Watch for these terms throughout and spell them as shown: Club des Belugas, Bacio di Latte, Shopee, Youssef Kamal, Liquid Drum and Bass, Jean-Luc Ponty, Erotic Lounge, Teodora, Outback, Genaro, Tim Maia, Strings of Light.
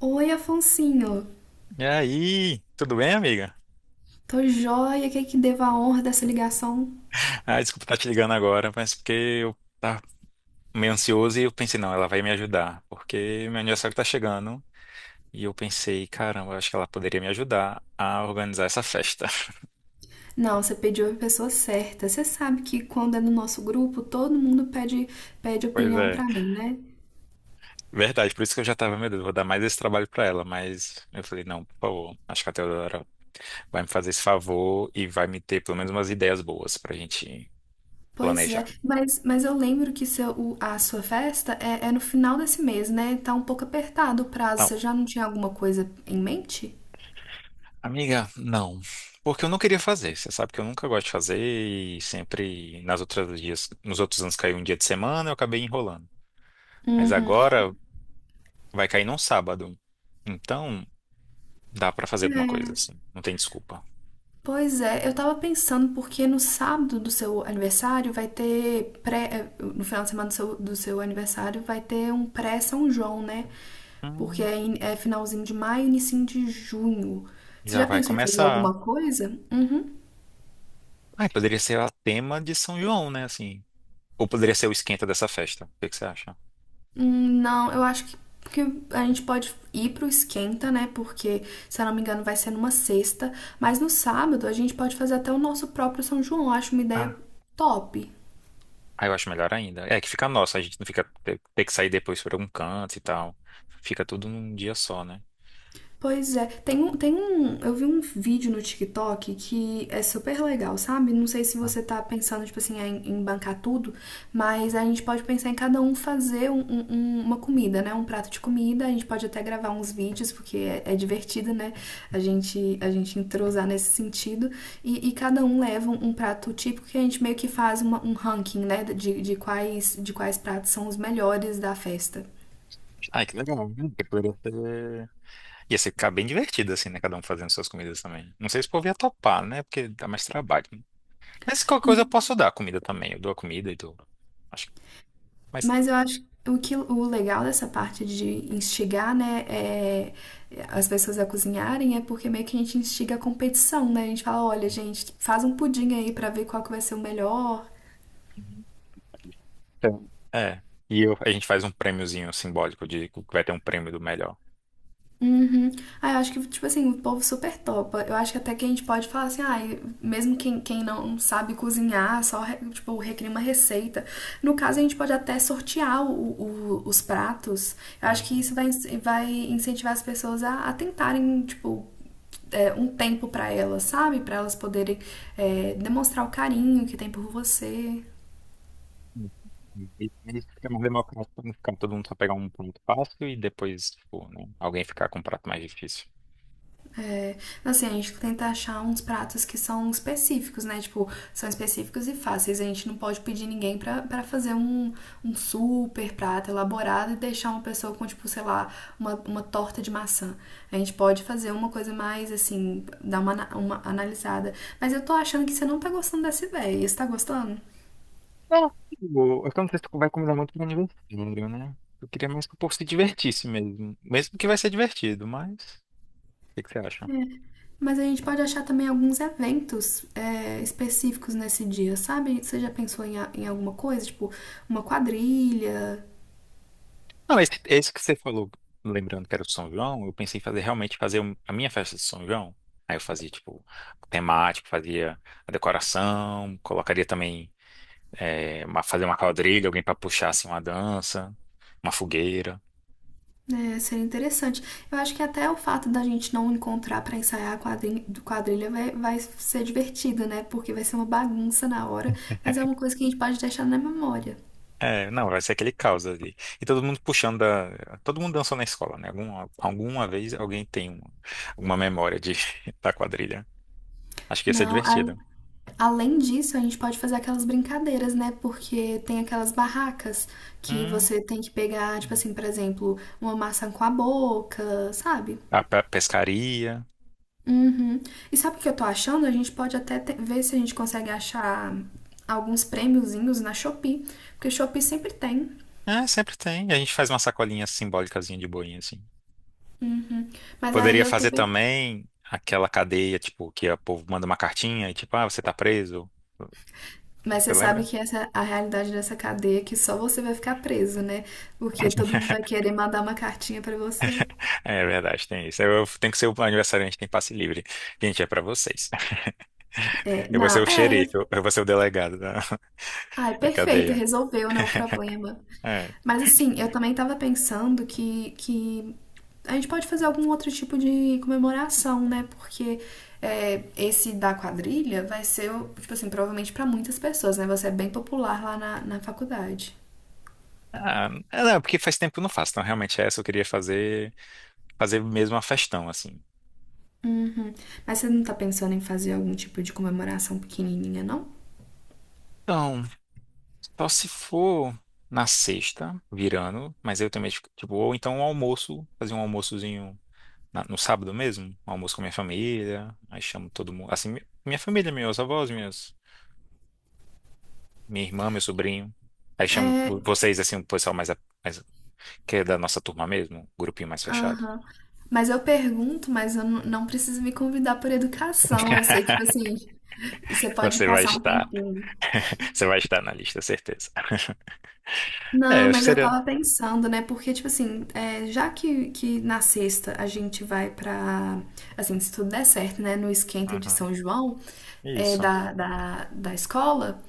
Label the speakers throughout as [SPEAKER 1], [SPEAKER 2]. [SPEAKER 1] Oi, Afonsinho.
[SPEAKER 2] E aí, tudo bem, amiga?
[SPEAKER 1] Tô joia, que devo a honra dessa ligação?
[SPEAKER 2] Ah, desculpa estar te ligando agora, mas porque eu tava meio ansioso e eu pensei, não, ela vai me ajudar, porque meu aniversário tá chegando e eu pensei, caramba, acho que ela poderia me ajudar a organizar essa festa.
[SPEAKER 1] Não, você pediu a pessoa certa. Você sabe que quando é no nosso grupo, todo mundo pede
[SPEAKER 2] Pois
[SPEAKER 1] opinião
[SPEAKER 2] é,
[SPEAKER 1] pra mim, né?
[SPEAKER 2] verdade, por isso que eu já tava, meu Deus, vou dar mais esse trabalho pra ela, mas eu falei, não, por favor, acho que a Teodora vai me fazer esse favor e vai me ter pelo menos umas ideias boas pra gente
[SPEAKER 1] Pois é,
[SPEAKER 2] planejar.
[SPEAKER 1] mas eu lembro que a sua festa é no final desse mês, né? Tá um pouco apertado o prazo. Você já não tinha alguma coisa em mente?
[SPEAKER 2] Amiga, não. Porque eu não queria fazer. Você sabe que eu nunca gosto de fazer e sempre nas outras dias, nos outros anos caiu um dia de semana, eu acabei enrolando. Mas
[SPEAKER 1] Uhum.
[SPEAKER 2] agora vai cair num sábado. Então, dá pra fazer alguma coisa assim. Não tem desculpa.
[SPEAKER 1] Pois é, eu tava pensando porque no sábado do seu aniversário vai ter no final de semana do seu aniversário vai ter um pré São João, né? Porque
[SPEAKER 2] Hum,
[SPEAKER 1] é finalzinho de maio, inicinho de junho. Você
[SPEAKER 2] já
[SPEAKER 1] já
[SPEAKER 2] vai
[SPEAKER 1] pensou em fazer
[SPEAKER 2] começar.
[SPEAKER 1] alguma coisa? Uhum.
[SPEAKER 2] Ai, poderia ser o tema de São João, né, assim. Ou poderia ser o esquenta dessa festa. O que que você acha?
[SPEAKER 1] Hum. Não, eu acho que a gente pode ir pro esquenta, né? Porque, se eu não me engano, vai ser numa sexta. Mas no sábado a gente pode fazer até o nosso próprio São João. Eu acho uma ideia
[SPEAKER 2] Ah,
[SPEAKER 1] top.
[SPEAKER 2] ah, eu acho melhor ainda. É que fica nosso, a gente não fica ter que sair depois pra algum canto e tal. Fica tudo num dia só, né?
[SPEAKER 1] Pois é, eu vi um vídeo no TikTok que é super legal, sabe? Não sei se você tá pensando, tipo assim, em bancar tudo, mas a gente pode pensar em cada um fazer uma comida, né? Um prato de comida, a gente pode até gravar uns vídeos, porque é divertido, né? A gente entrosar nesse sentido, e cada um leva um prato típico que a gente meio que faz um ranking, né? De quais pratos são os melhores da festa.
[SPEAKER 2] Ai, que legal. Que ia ser ficar bem divertido, assim, né? Cada um fazendo suas comidas também. Não sei se o povo ia topar, né? Porque dá mais trabalho, né? Mas qualquer coisa eu posso dar comida também. Eu dou a comida e dou. Acho que. Mas.
[SPEAKER 1] Mas eu acho que o legal dessa parte de instigar, né, as pessoas a cozinharem é porque meio que a gente instiga a competição, né? A gente fala, olha, gente, faz um pudim aí pra ver qual que vai ser o melhor.
[SPEAKER 2] Então, é. A gente faz um prêmiozinho simbólico de que vai ter um prêmio do melhor.
[SPEAKER 1] Uhum. Ah, eu acho que, tipo assim, o povo super topa. Eu acho que até que a gente pode falar assim, ah, mesmo quem não sabe cozinhar, tipo, recria uma receita. No caso, a gente pode até sortear os pratos. Eu acho que isso
[SPEAKER 2] Hum.
[SPEAKER 1] vai incentivar as pessoas a tentarem, tipo, um tempo para elas, sabe? Para elas poderem demonstrar o carinho que tem por você.
[SPEAKER 2] E e isso fica mais democrático pra não ficar todo mundo só pegar um prato fácil e depois, tipo, né, alguém ficar com um prato mais difícil.
[SPEAKER 1] É, assim, a gente tenta achar uns pratos que são específicos, né? Tipo, são específicos e fáceis. A gente não pode pedir ninguém para fazer um super prato elaborado e deixar uma pessoa com, tipo, sei lá, uma torta de maçã. A gente pode fazer uma coisa mais, assim, dar uma analisada. Mas eu tô achando que você não tá gostando dessa ideia. Você tá gostando?
[SPEAKER 2] Não, tipo, eu não sei se tu vai combinar muito com aniversário, né? Eu queria mais que o povo se divertisse mesmo. Mesmo que vai ser divertido, mas. O que que você acha?
[SPEAKER 1] Mas a gente pode achar também alguns eventos específicos nesse dia, sabe? Você já pensou em alguma coisa, tipo uma quadrilha?
[SPEAKER 2] Não, esse que você falou, lembrando que era o São João, eu pensei em fazer realmente a minha festa de São João. Aí eu fazia, tipo, temático, fazia a decoração, colocaria também. É, fazer uma quadrilha, alguém para puxar assim uma dança, uma fogueira.
[SPEAKER 1] Né? Seria interessante. Eu acho que até o fato da gente não encontrar pra ensaiar a quadrilha vai ser divertido, né? Porque vai ser uma bagunça na hora, mas é uma coisa que a gente pode deixar na memória.
[SPEAKER 2] É, não, vai ser aquele caos ali. E todo mundo puxando da... Todo mundo dançou na escola, né? Alguma vez alguém tem alguma memória de, da quadrilha. Acho que ia ser
[SPEAKER 1] Não, aí
[SPEAKER 2] divertido.
[SPEAKER 1] Além disso, a gente pode fazer aquelas brincadeiras, né? Porque tem aquelas barracas que
[SPEAKER 2] Hum,
[SPEAKER 1] você tem que pegar, tipo assim, por exemplo, uma maçã com a boca, sabe?
[SPEAKER 2] a pescaria.
[SPEAKER 1] Uhum. E sabe o que eu tô achando? A gente pode até ver se a gente consegue achar alguns prêmiozinhos na Shopee, porque Shopee sempre tem.
[SPEAKER 2] É, sempre tem. A gente faz uma sacolinha simbólicazinha de boinha, assim.
[SPEAKER 1] Uhum. Mas aí
[SPEAKER 2] Poderia
[SPEAKER 1] eu tô
[SPEAKER 2] fazer
[SPEAKER 1] bem.
[SPEAKER 2] também aquela cadeia, tipo, que o povo manda uma cartinha e tipo, ah, você tá preso.
[SPEAKER 1] Mas
[SPEAKER 2] Você
[SPEAKER 1] você sabe
[SPEAKER 2] lembra?
[SPEAKER 1] que essa é a realidade dessa cadeia, é que só você vai ficar preso, né? Porque todo mundo vai querer mandar uma cartinha pra você.
[SPEAKER 2] É verdade, tem isso. Eu tenho que ser o aniversariante, tem passe livre. Gente, é pra vocês.
[SPEAKER 1] É,
[SPEAKER 2] Eu vou ser
[SPEAKER 1] não,
[SPEAKER 2] o
[SPEAKER 1] é,
[SPEAKER 2] xerife, eu vou ser o delegado da,
[SPEAKER 1] Ai,
[SPEAKER 2] da
[SPEAKER 1] perfeito,
[SPEAKER 2] cadeia.
[SPEAKER 1] resolveu, né, o problema.
[SPEAKER 2] É.
[SPEAKER 1] Mas assim, eu também tava pensando que a gente pode fazer algum outro tipo de comemoração, né? Porque esse da quadrilha vai ser, tipo assim, provavelmente pra muitas pessoas, né? Você é bem popular lá na faculdade.
[SPEAKER 2] Ah, é, não, porque faz tempo que eu não faço. Então, realmente, é essa eu queria fazer, fazer mesmo uma festão, assim.
[SPEAKER 1] Uhum. Mas você não tá pensando em fazer algum tipo de comemoração pequenininha, não?
[SPEAKER 2] Então, só se for na sexta, virando, mas eu também, tipo, ou então um almoço, fazer um almoçozinho no sábado mesmo, um almoço com minha família, aí chamo todo mundo, assim, minha família, meus avós, minha irmã, meu sobrinho. Aí chamo vocês, assim, o pessoal mais, mais- que é da nossa turma mesmo, um grupinho mais fechado.
[SPEAKER 1] Aham. Mas eu pergunto, mas eu não preciso me convidar por educação. Eu sei que, tipo assim, você pode
[SPEAKER 2] Você vai
[SPEAKER 1] passar um
[SPEAKER 2] estar,
[SPEAKER 1] tempinho.
[SPEAKER 2] você vai estar na lista, certeza. É,
[SPEAKER 1] Não,
[SPEAKER 2] acho que
[SPEAKER 1] mas eu
[SPEAKER 2] seria.
[SPEAKER 1] tava pensando, né? Porque, tipo assim, já que na sexta a gente vai pra. Assim, se tudo der certo, né? No esquenta de
[SPEAKER 2] Uhum.
[SPEAKER 1] São João, é,
[SPEAKER 2] Isso.
[SPEAKER 1] da, da, da escola,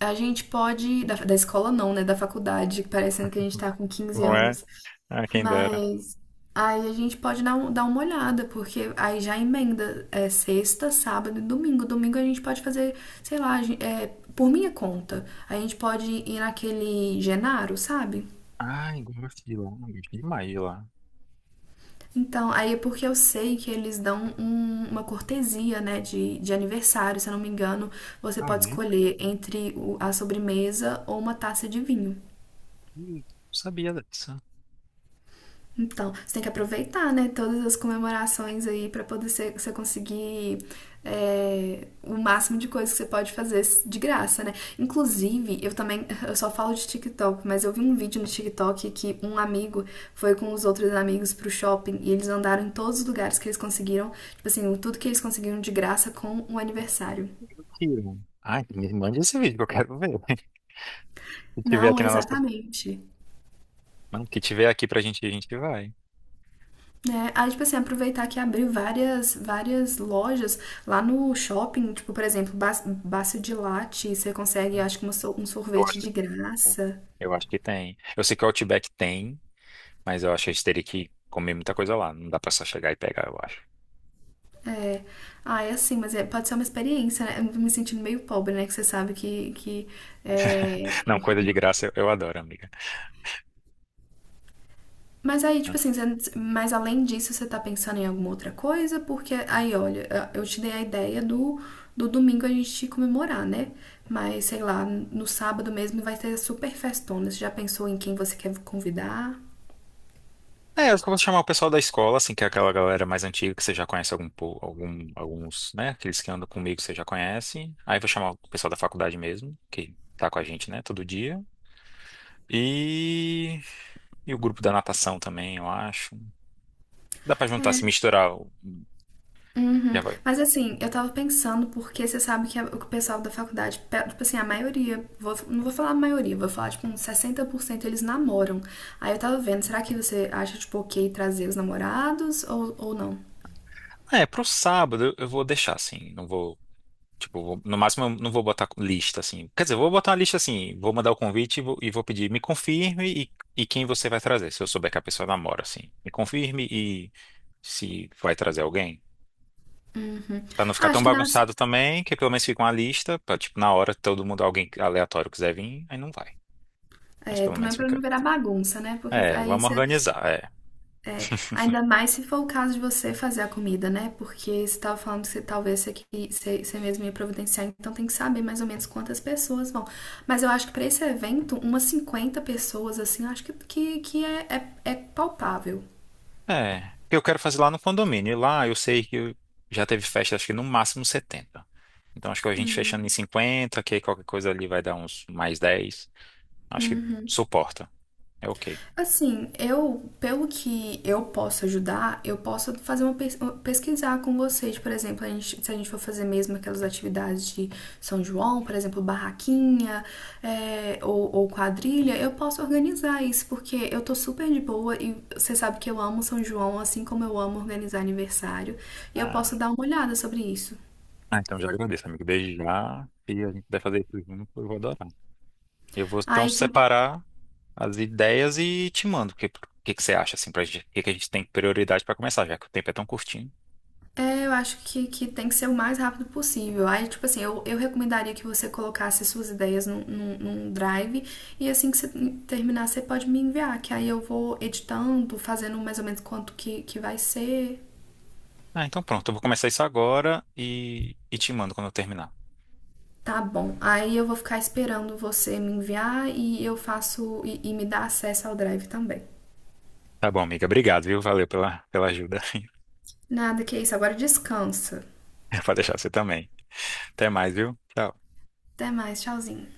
[SPEAKER 1] a gente pode. Da escola não, né? Da faculdade, parecendo que a gente tá com 15
[SPEAKER 2] Não é?
[SPEAKER 1] anos.
[SPEAKER 2] Ah, quem dera.
[SPEAKER 1] Mas aí a gente pode dar, dar uma olhada, porque aí já emenda sexta, sábado e domingo. Domingo a gente pode fazer, sei lá, por minha conta. A gente pode ir naquele Genaro, sabe?
[SPEAKER 2] Ai, gosto de lá, gosto demais de lá.
[SPEAKER 1] Então, aí é porque eu sei que eles dão uma cortesia, né, de aniversário, se eu não me engano, você
[SPEAKER 2] Ah, é?
[SPEAKER 1] pode escolher entre a sobremesa ou uma taça de vinho.
[SPEAKER 2] Não sabia disso.
[SPEAKER 1] Então, você tem que aproveitar, né, todas as comemorações aí para poder ser você conseguir o máximo de coisas que você pode fazer de graça, né? Inclusive, eu também, eu só falo de TikTok, mas eu vi um vídeo no TikTok que um amigo foi com os outros amigos pro shopping e eles andaram em todos os lugares que eles conseguiram, tipo assim, tudo que eles conseguiram de graça com o aniversário.
[SPEAKER 2] Tira. Ai, me mande esse vídeo que eu quero ver. Se tiver
[SPEAKER 1] Não,
[SPEAKER 2] aqui na nossa.
[SPEAKER 1] exatamente.
[SPEAKER 2] Não, que tiver aqui pra gente, ir, a gente vai.
[SPEAKER 1] É, aí, tipo assim, aproveitar que abriu várias lojas lá no shopping, tipo, por exemplo, Bacio de Latte, você consegue, acho que um
[SPEAKER 2] Eu
[SPEAKER 1] sorvete
[SPEAKER 2] acho
[SPEAKER 1] de
[SPEAKER 2] que,
[SPEAKER 1] graça.
[SPEAKER 2] eu acho que tem. Eu sei que o Outback tem. Mas eu acho que a gente teria que comer muita coisa lá. Não dá pra só chegar e pegar, eu acho.
[SPEAKER 1] É. Ah, é assim, mas pode ser uma experiência, né? Eu me sentindo meio pobre, né? Que você sabe que é,
[SPEAKER 2] Não, coisa de graça eu adoro, amiga.
[SPEAKER 1] Mas aí, tipo assim, mas além disso, você tá pensando em alguma outra coisa? Porque aí, olha, eu te dei a ideia do domingo a gente comemorar, né? Mas sei lá, no sábado mesmo vai ter super festona. Você já pensou em quem você quer convidar?
[SPEAKER 2] É, eu acho que eu vou chamar o pessoal da escola, assim, que é aquela galera mais antiga que você já conhece algum, alguns, né? Aqueles que andam comigo que você já conhece. Aí vou chamar o pessoal da faculdade mesmo, que tá com a gente, né, todo dia. E, e o grupo da natação também, eu acho. Dá pra juntar,
[SPEAKER 1] É,
[SPEAKER 2] se misturar. O-
[SPEAKER 1] uhum.
[SPEAKER 2] Já vai.
[SPEAKER 1] Mas assim, eu tava pensando, porque você sabe que o pessoal da faculdade, tipo assim, a maioria, não vou falar a maioria, vou falar tipo uns 60% eles namoram. Aí eu tava vendo, será que você acha, tipo, ok trazer os namorados ou não?
[SPEAKER 2] É, pro sábado eu vou deixar, assim. Não vou. Tipo, no máximo eu não vou botar lista assim. Quer dizer, eu vou botar uma lista assim, vou mandar o convite e vou pedir, me confirme e quem você vai trazer, se eu souber que a pessoa namora, assim. Me confirme e se vai trazer alguém. Pra não
[SPEAKER 1] Ah,
[SPEAKER 2] ficar tão
[SPEAKER 1] acho que nas,
[SPEAKER 2] bagunçado também, que pelo menos fica uma lista, pra, tipo, na hora todo mundo, alguém aleatório quiser vir, aí não vai. Mas
[SPEAKER 1] é,
[SPEAKER 2] pelo
[SPEAKER 1] também
[SPEAKER 2] menos
[SPEAKER 1] para não
[SPEAKER 2] fica.
[SPEAKER 1] virar bagunça, né? Porque
[SPEAKER 2] É,
[SPEAKER 1] aí
[SPEAKER 2] vamos
[SPEAKER 1] você,
[SPEAKER 2] organizar, é.
[SPEAKER 1] ainda mais se for o caso de você fazer a comida, né? Porque você estava falando que você, talvez você, você mesmo ia providenciar, então tem que saber mais ou menos quantas pessoas vão. Mas eu acho que para esse evento, umas 50 pessoas, assim, eu acho que é palpável.
[SPEAKER 2] É, porque eu quero fazer lá no condomínio. E lá eu sei que já teve festa, acho que no máximo 70. Então acho que a gente fechando em 50, que qualquer coisa ali vai dar uns mais 10. Acho que suporta. É ok.
[SPEAKER 1] Assim, eu, pelo que eu posso ajudar, eu posso fazer pesquisar com vocês, por exemplo, se a gente for fazer mesmo aquelas atividades de São João, por exemplo, barraquinha, ou quadrilha, eu posso organizar isso, porque eu tô super de boa e você sabe que eu amo São João, assim como eu amo organizar aniversário, e eu posso
[SPEAKER 2] Ah,
[SPEAKER 1] dar uma olhada sobre isso.
[SPEAKER 2] ah, então já agradeço, amigo. Desde já. E a gente vai fazer isso junto, eu vou adorar. Eu vou então
[SPEAKER 1] Aí.
[SPEAKER 2] separar as ideias e te mando. Que você acha, assim, pra gente, que a gente tem prioridade pra começar, já que o tempo é tão curtinho.
[SPEAKER 1] É, eu acho que tem que ser o mais rápido possível. Aí, tipo assim, eu recomendaria que você colocasse suas ideias num drive e assim que você terminar, você pode me enviar, que aí eu vou editando, fazendo mais ou menos quanto que vai ser.
[SPEAKER 2] Ah, então pronto, eu vou começar isso agora e te mando quando eu terminar.
[SPEAKER 1] Tá bom. Aí eu vou ficar esperando você me enviar e eu faço e me dá acesso ao drive também.
[SPEAKER 2] Tá bom, amiga. Obrigado, viu? Valeu pela ajuda.
[SPEAKER 1] Nada que é isso, agora descansa.
[SPEAKER 2] Pode deixar você também. Até mais, viu? Tchau.
[SPEAKER 1] Até mais, tchauzinho.